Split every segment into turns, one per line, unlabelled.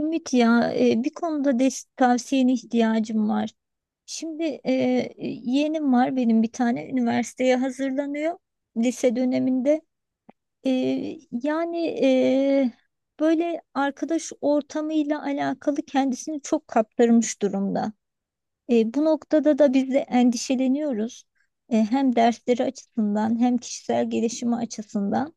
Ümit ya, bir konuda tavsiyene ihtiyacım var. Şimdi yeğenim var benim bir tane, üniversiteye hazırlanıyor lise döneminde. E, yani e, böyle arkadaş ortamıyla alakalı kendisini çok kaptırmış durumda. Bu noktada da biz de endişeleniyoruz. Hem dersleri açısından hem kişisel gelişimi açısından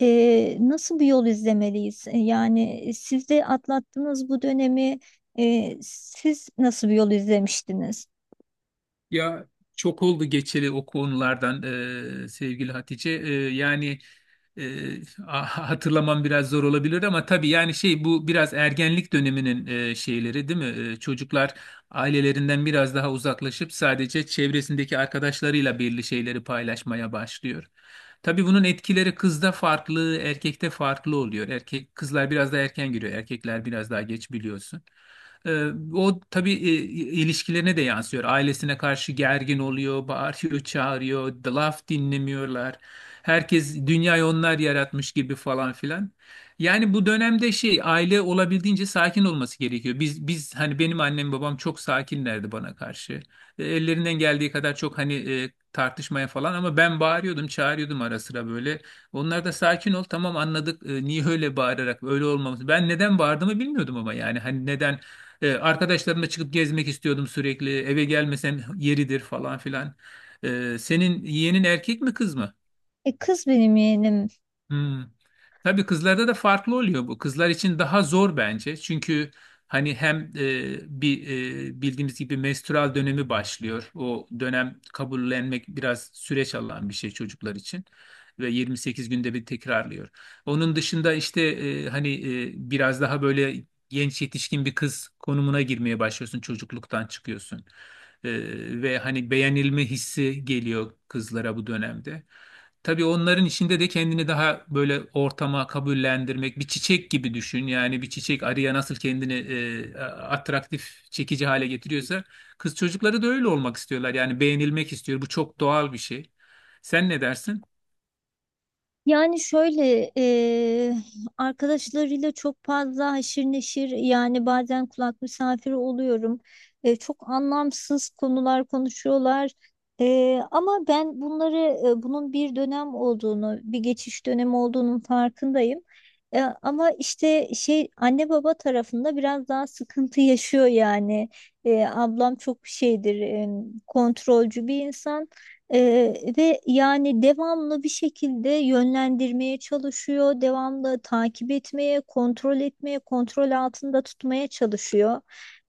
nasıl bir yol izlemeliyiz? Siz de atlattınız bu dönemi. Siz nasıl bir yol izlemiştiniz?
Ya çok oldu geçeli o konulardan sevgili Hatice. E, Hatırlamam biraz zor olabilir ama tabii yani şey bu biraz ergenlik döneminin şeyleri değil mi? Çocuklar ailelerinden biraz daha uzaklaşıp sadece çevresindeki arkadaşlarıyla belli şeyleri paylaşmaya başlıyor. Tabii bunun etkileri kızda farklı, erkekte farklı oluyor. Erkek kızlar biraz daha erken giriyor, erkekler biraz daha geç biliyorsun. Ee, O tabii ilişkilerine de yansıyor. Ailesine karşı gergin oluyor, bağırıyor, çağırıyor, laf dinlemiyorlar. Herkes dünyayı onlar yaratmış gibi falan filan. Yani bu dönemde şey aile olabildiğince sakin olması gerekiyor. Biz hani benim annem babam çok sakinlerdi bana karşı. Ellerinden geldiği kadar çok hani tartışmaya falan ama ben bağırıyordum, çağırıyordum ara sıra böyle. Onlar da sakin ol tamam anladık niye öyle bağırarak öyle olmamız. Ben neden bağırdığımı bilmiyordum ama yani hani neden arkadaşlarımla çıkıp gezmek istiyordum sürekli. Eve gelmesem yeridir falan filan. Senin yeğenin erkek mi kız mı?
Kız benim yeğenim.
Hmm. Tabii kızlarda da farklı oluyor bu. Kızlar için daha zor bence. Çünkü hani hem bir bildiğimiz gibi menstrual dönemi başlıyor. O dönem kabullenmek biraz süreç alan bir şey çocuklar için ve 28 günde bir tekrarlıyor. Onun dışında işte hani biraz daha böyle genç yetişkin bir kız konumuna girmeye başlıyorsun. Çocukluktan çıkıyorsun. E, Ve hani beğenilme hissi geliyor kızlara bu dönemde. Tabii onların içinde de kendini daha böyle ortama kabullendirmek, bir çiçek gibi düşün. Yani bir çiçek arıya nasıl kendini atraktif, çekici hale getiriyorsa kız çocukları da öyle olmak istiyorlar. Yani beğenilmek istiyor. Bu çok doğal bir şey. Sen ne dersin?
Yani şöyle, arkadaşlarıyla çok fazla haşir neşir, yani bazen kulak misafiri oluyorum. Çok anlamsız konular konuşuyorlar. Ama ben bunları, bunun bir dönem olduğunu, bir geçiş dönemi olduğunun farkındayım. Ama işte şey, anne baba tarafında biraz daha sıkıntı yaşıyor yani. Ablam çok şeydir, kontrolcü bir insan. Ve yani devamlı bir şekilde yönlendirmeye çalışıyor, devamlı takip etmeye, kontrol etmeye, kontrol altında tutmaya çalışıyor.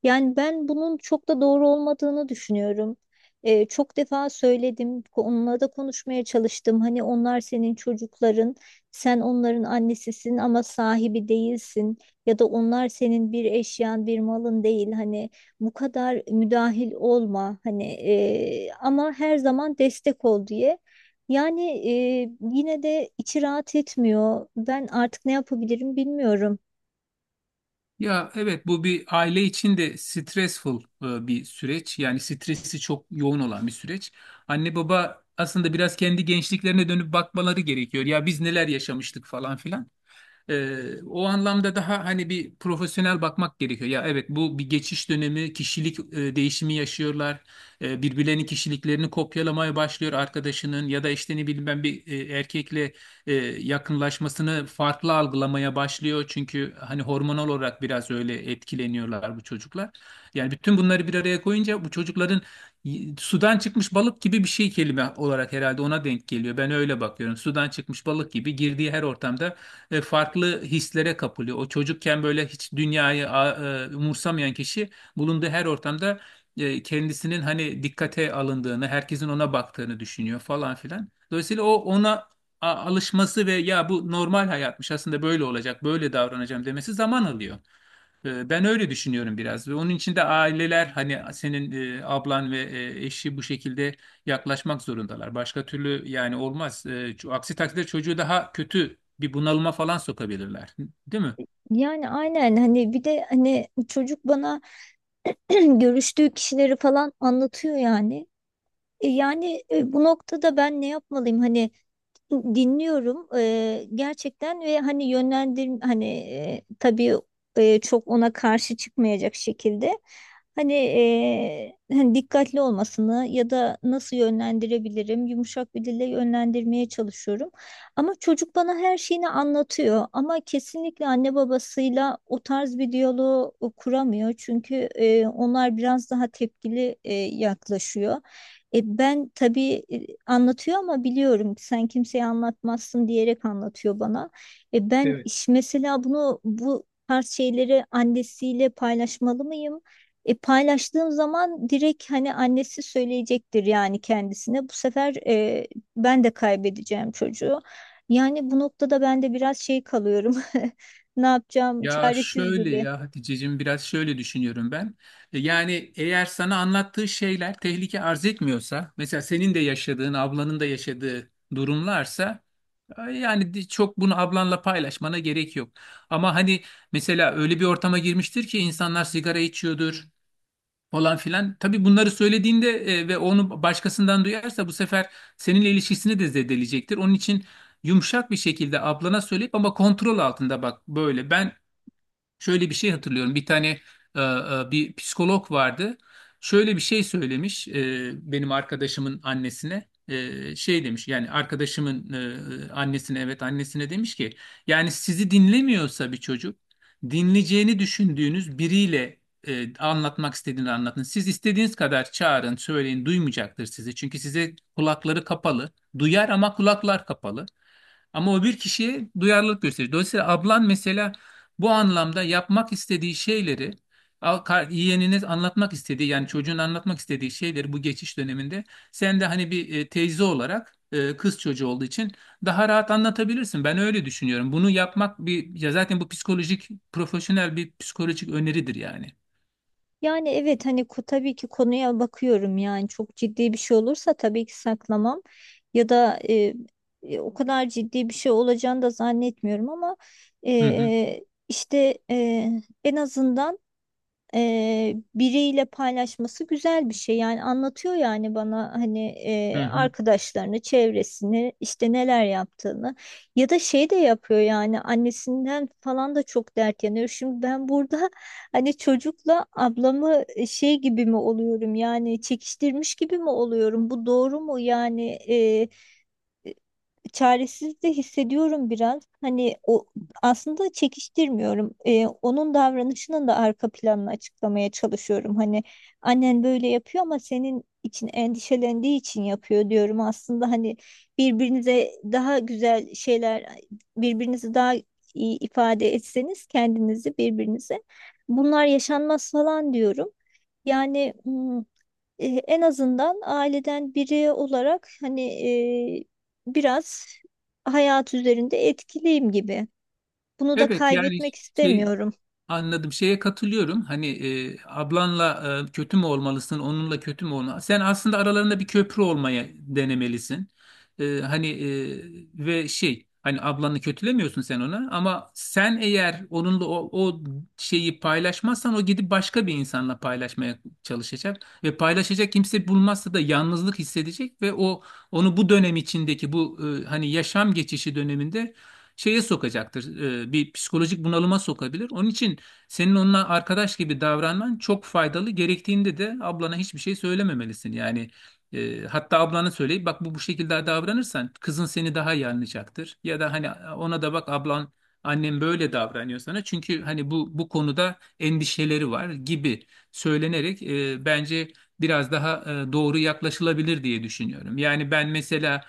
Yani ben bunun çok da doğru olmadığını düşünüyorum. Çok defa söyledim, onunla da konuşmaya çalıştım. Hani onlar senin çocukların, sen onların annesisin ama sahibi değilsin. Ya da onlar senin bir eşyan, bir malın değil. Hani bu kadar müdahil olma hani, ama her zaman destek ol diye. Yani yine de içi rahat etmiyor. Ben artık ne yapabilirim bilmiyorum.
Ya evet bu bir aile için de stressful bir süreç. Yani stresi çok yoğun olan bir süreç. Anne baba aslında biraz kendi gençliklerine dönüp bakmaları gerekiyor. Ya biz neler yaşamıştık falan filan. O anlamda daha hani bir profesyonel bakmak gerekiyor. Ya evet bu bir geçiş dönemi, kişilik değişimi yaşıyorlar. Birbirlerinin kişiliklerini kopyalamaya başlıyor arkadaşının ya da işte ne bileyim ben bir erkekle yakınlaşmasını farklı algılamaya başlıyor. Çünkü hani hormonal olarak biraz öyle etkileniyorlar bu çocuklar. Yani bütün bunları bir araya koyunca bu çocukların sudan çıkmış balık gibi bir şey kelime olarak herhalde ona denk geliyor. Ben öyle bakıyorum. Sudan çıkmış balık gibi girdiği her ortamda farklı hislere kapılıyor. O çocukken böyle hiç dünyayı umursamayan kişi bulunduğu her ortamda kendisinin hani dikkate alındığını, herkesin ona baktığını düşünüyor falan filan. Dolayısıyla o ona alışması ve ya bu normal hayatmış aslında böyle olacak, böyle davranacağım demesi zaman alıyor. Ben öyle düşünüyorum biraz ve onun için de aileler hani senin ablan ve eşi bu şekilde yaklaşmak zorundalar. Başka türlü yani olmaz. Aksi takdirde çocuğu daha kötü bir bunalıma falan sokabilirler. Değil mi?
Yani aynen, hani bir de hani çocuk bana görüştüğü kişileri falan anlatıyor yani. Bu noktada ben ne yapmalıyım hani? Dinliyorum gerçekten ve hani yönlendir hani tabii çok ona karşı çıkmayacak şekilde hani, hani dikkatli olmasını ya da nasıl yönlendirebilirim, yumuşak bir dille yönlendirmeye çalışıyorum. Ama çocuk bana her şeyini anlatıyor, ama kesinlikle anne babasıyla o tarz bir diyaloğu kuramıyor çünkü onlar biraz daha tepkili yaklaşıyor. Ben tabii, anlatıyor ama biliyorum sen kimseye anlatmazsın diyerek anlatıyor bana. Ben
Evet.
mesela bunu, bu tarz şeyleri annesiyle paylaşmalı mıyım? Paylaştığım zaman direkt hani annesi söyleyecektir yani kendisine. Bu sefer ben de kaybedeceğim çocuğu. Yani bu noktada ben de biraz şey kalıyorum. Ne yapacağım?
Ya
Çaresiz
şöyle
gibi.
ya Hatice'cim biraz şöyle düşünüyorum ben. Yani eğer sana anlattığı şeyler tehlike arz etmiyorsa, mesela senin de yaşadığın, ablanın da yaşadığı durumlarsa yani çok bunu ablanla paylaşmana gerek yok. Ama hani mesela öyle bir ortama girmiştir ki insanlar sigara içiyordur falan filan. Tabii bunları söylediğinde ve onu başkasından duyarsa bu sefer seninle ilişkisini de zedeleyecektir. Onun için yumuşak bir şekilde ablana söyleyip ama kontrol altında bak böyle. Ben şöyle bir şey hatırlıyorum. Bir tane bir psikolog vardı. Şöyle bir şey söylemiş benim arkadaşımın annesine. Şey demiş yani arkadaşımın e, e, annesine evet annesine demiş ki yani sizi dinlemiyorsa bir çocuk dinleyeceğini düşündüğünüz biriyle anlatmak istediğini anlatın. Siz istediğiniz kadar çağırın, söyleyin duymayacaktır sizi. Çünkü size kulakları kapalı. Duyar ama kulaklar kapalı. Ama o bir kişiye duyarlılık gösterir. Dolayısıyla ablan mesela bu anlamda yapmak istediği şeyleri yeğenine anlatmak istediği yani çocuğun anlatmak istediği şeyleri bu geçiş döneminde sen de hani bir teyze olarak kız çocuğu olduğu için daha rahat anlatabilirsin. Ben öyle düşünüyorum. Bunu yapmak bir ya zaten bu psikolojik profesyonel bir psikolojik öneridir yani.
Yani evet, hani tabii ki konuya bakıyorum, yani çok ciddi bir şey olursa tabii ki saklamam ya da o kadar ciddi bir şey olacağını da zannetmiyorum ama e,
Hı hı,
e, işte en azından biriyle paylaşması güzel bir şey. Yani anlatıyor yani bana, hani
hı hı.
arkadaşlarını, çevresini, işte neler yaptığını, ya da şey de yapıyor yani annesinden falan da çok dert yanıyor. Şimdi ben burada hani çocukla ablamı şey gibi mi oluyorum, yani çekiştirmiş gibi mi oluyorum? Bu doğru mu yani? Çaresiz de hissediyorum biraz. Hani, o aslında çekiştirmiyorum. Onun davranışının da arka planını açıklamaya çalışıyorum. Hani annen böyle yapıyor ama senin için endişelendiği için yapıyor diyorum. Aslında hani birbirinize daha güzel şeyler, birbirinizi daha iyi ifade etseniz kendinizi birbirinize, bunlar yaşanmaz falan diyorum. Yani en azından aileden biri olarak hani, biraz hayat üzerinde etkiliyim gibi. Bunu da
Evet yani
kaybetmek
şey
istemiyorum.
anladım. Şeye katılıyorum. Hani ablanla kötü mü olmalısın, onunla kötü mü olmalısın? Sen aslında aralarında bir köprü olmaya denemelisin. Ve şey, hani ablanı kötülemiyorsun sen ona ama sen eğer onunla o şeyi paylaşmazsan o gidip başka bir insanla paylaşmaya çalışacak ve paylaşacak kimse bulmazsa da yalnızlık hissedecek ve o onu bu dönem içindeki bu hani yaşam geçişi döneminde şeye sokacaktır. Bir psikolojik bunalıma sokabilir. Onun için senin onunla arkadaş gibi davranman çok faydalı. Gerektiğinde de ablana hiçbir şey söylememelisin. Yani hatta ablana söyleyip bak bu şekilde davranırsan kızın seni daha iyi anlayacaktır. Ya da hani ona da bak ablan annem böyle davranıyor sana. Çünkü hani bu konuda endişeleri var gibi söylenerek bence biraz daha doğru yaklaşılabilir diye düşünüyorum. Yani ben mesela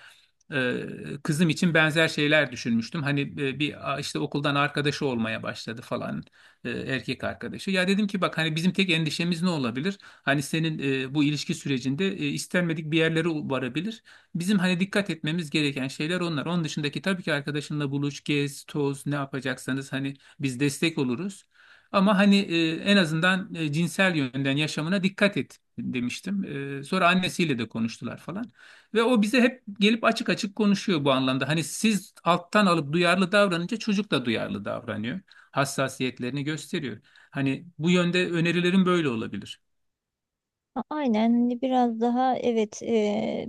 e, kızım için benzer şeyler düşünmüştüm. Hani işte okuldan arkadaşı olmaya başladı falan erkek arkadaşı. Ya dedim ki bak hani bizim tek endişemiz ne olabilir? Hani senin bu ilişki sürecinde istenmedik bir yerlere varabilir. Bizim hani dikkat etmemiz gereken şeyler onlar. Onun dışındaki tabii ki arkadaşınla buluş, gez, toz ne yapacaksanız hani biz destek oluruz. Ama hani en azından cinsel yönden yaşamına dikkat et demiştim. Sonra annesiyle de konuştular falan. Ve o bize hep gelip açık açık konuşuyor bu anlamda. Hani siz alttan alıp duyarlı davranınca çocuk da duyarlı davranıyor, hassasiyetlerini gösteriyor. Hani bu yönde önerilerim böyle olabilir.
Aynen, hani biraz daha evet,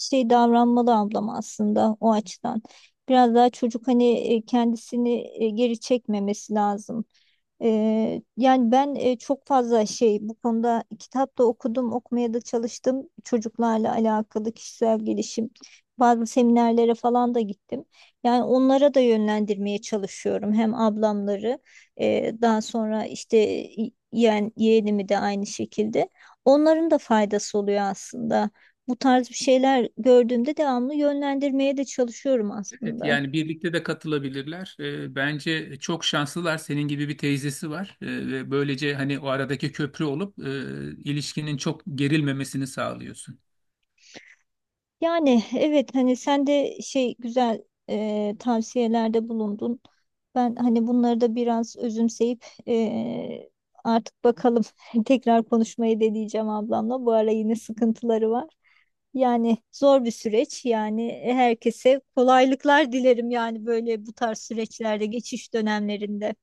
şey davranmalı ablam aslında o açıdan. Biraz daha çocuk hani kendisini geri çekmemesi lazım. Yani ben çok fazla şey, bu konuda kitap da okudum, okumaya da çalıştım. Çocuklarla alakalı kişisel gelişim, bazı seminerlere falan da gittim. Yani onlara da yönlendirmeye çalışıyorum. Hem ablamları, daha sonra işte yeğenimi de aynı şekilde. Onların da faydası oluyor aslında, bu tarz bir şeyler gördüğümde devamlı yönlendirmeye de çalışıyorum
Evet
aslında.
yani birlikte de katılabilirler. Bence çok şanslılar. Senin gibi bir teyzesi var. Ve böylece hani o aradaki köprü olup ilişkinin çok gerilmemesini sağlıyorsun.
Yani evet, hani sen de şey, güzel tavsiyelerde bulundun. Ben hani bunları da biraz özümseyip artık bakalım, tekrar konuşmayı deneyeceğim ablamla. Bu ara yine sıkıntıları var. Yani zor bir süreç, yani herkese kolaylıklar dilerim yani, böyle bu tarz süreçlerde, geçiş dönemlerinde.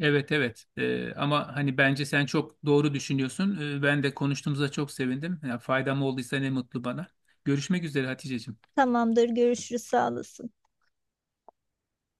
Evet, evet. Ama hani bence sen çok doğru düşünüyorsun. Ben de konuştuğumuza çok sevindim. Ya faydam olduysa ne mutlu bana. Görüşmek üzere Haticeciğim.
Tamamdır, görüşürüz, sağ olasın.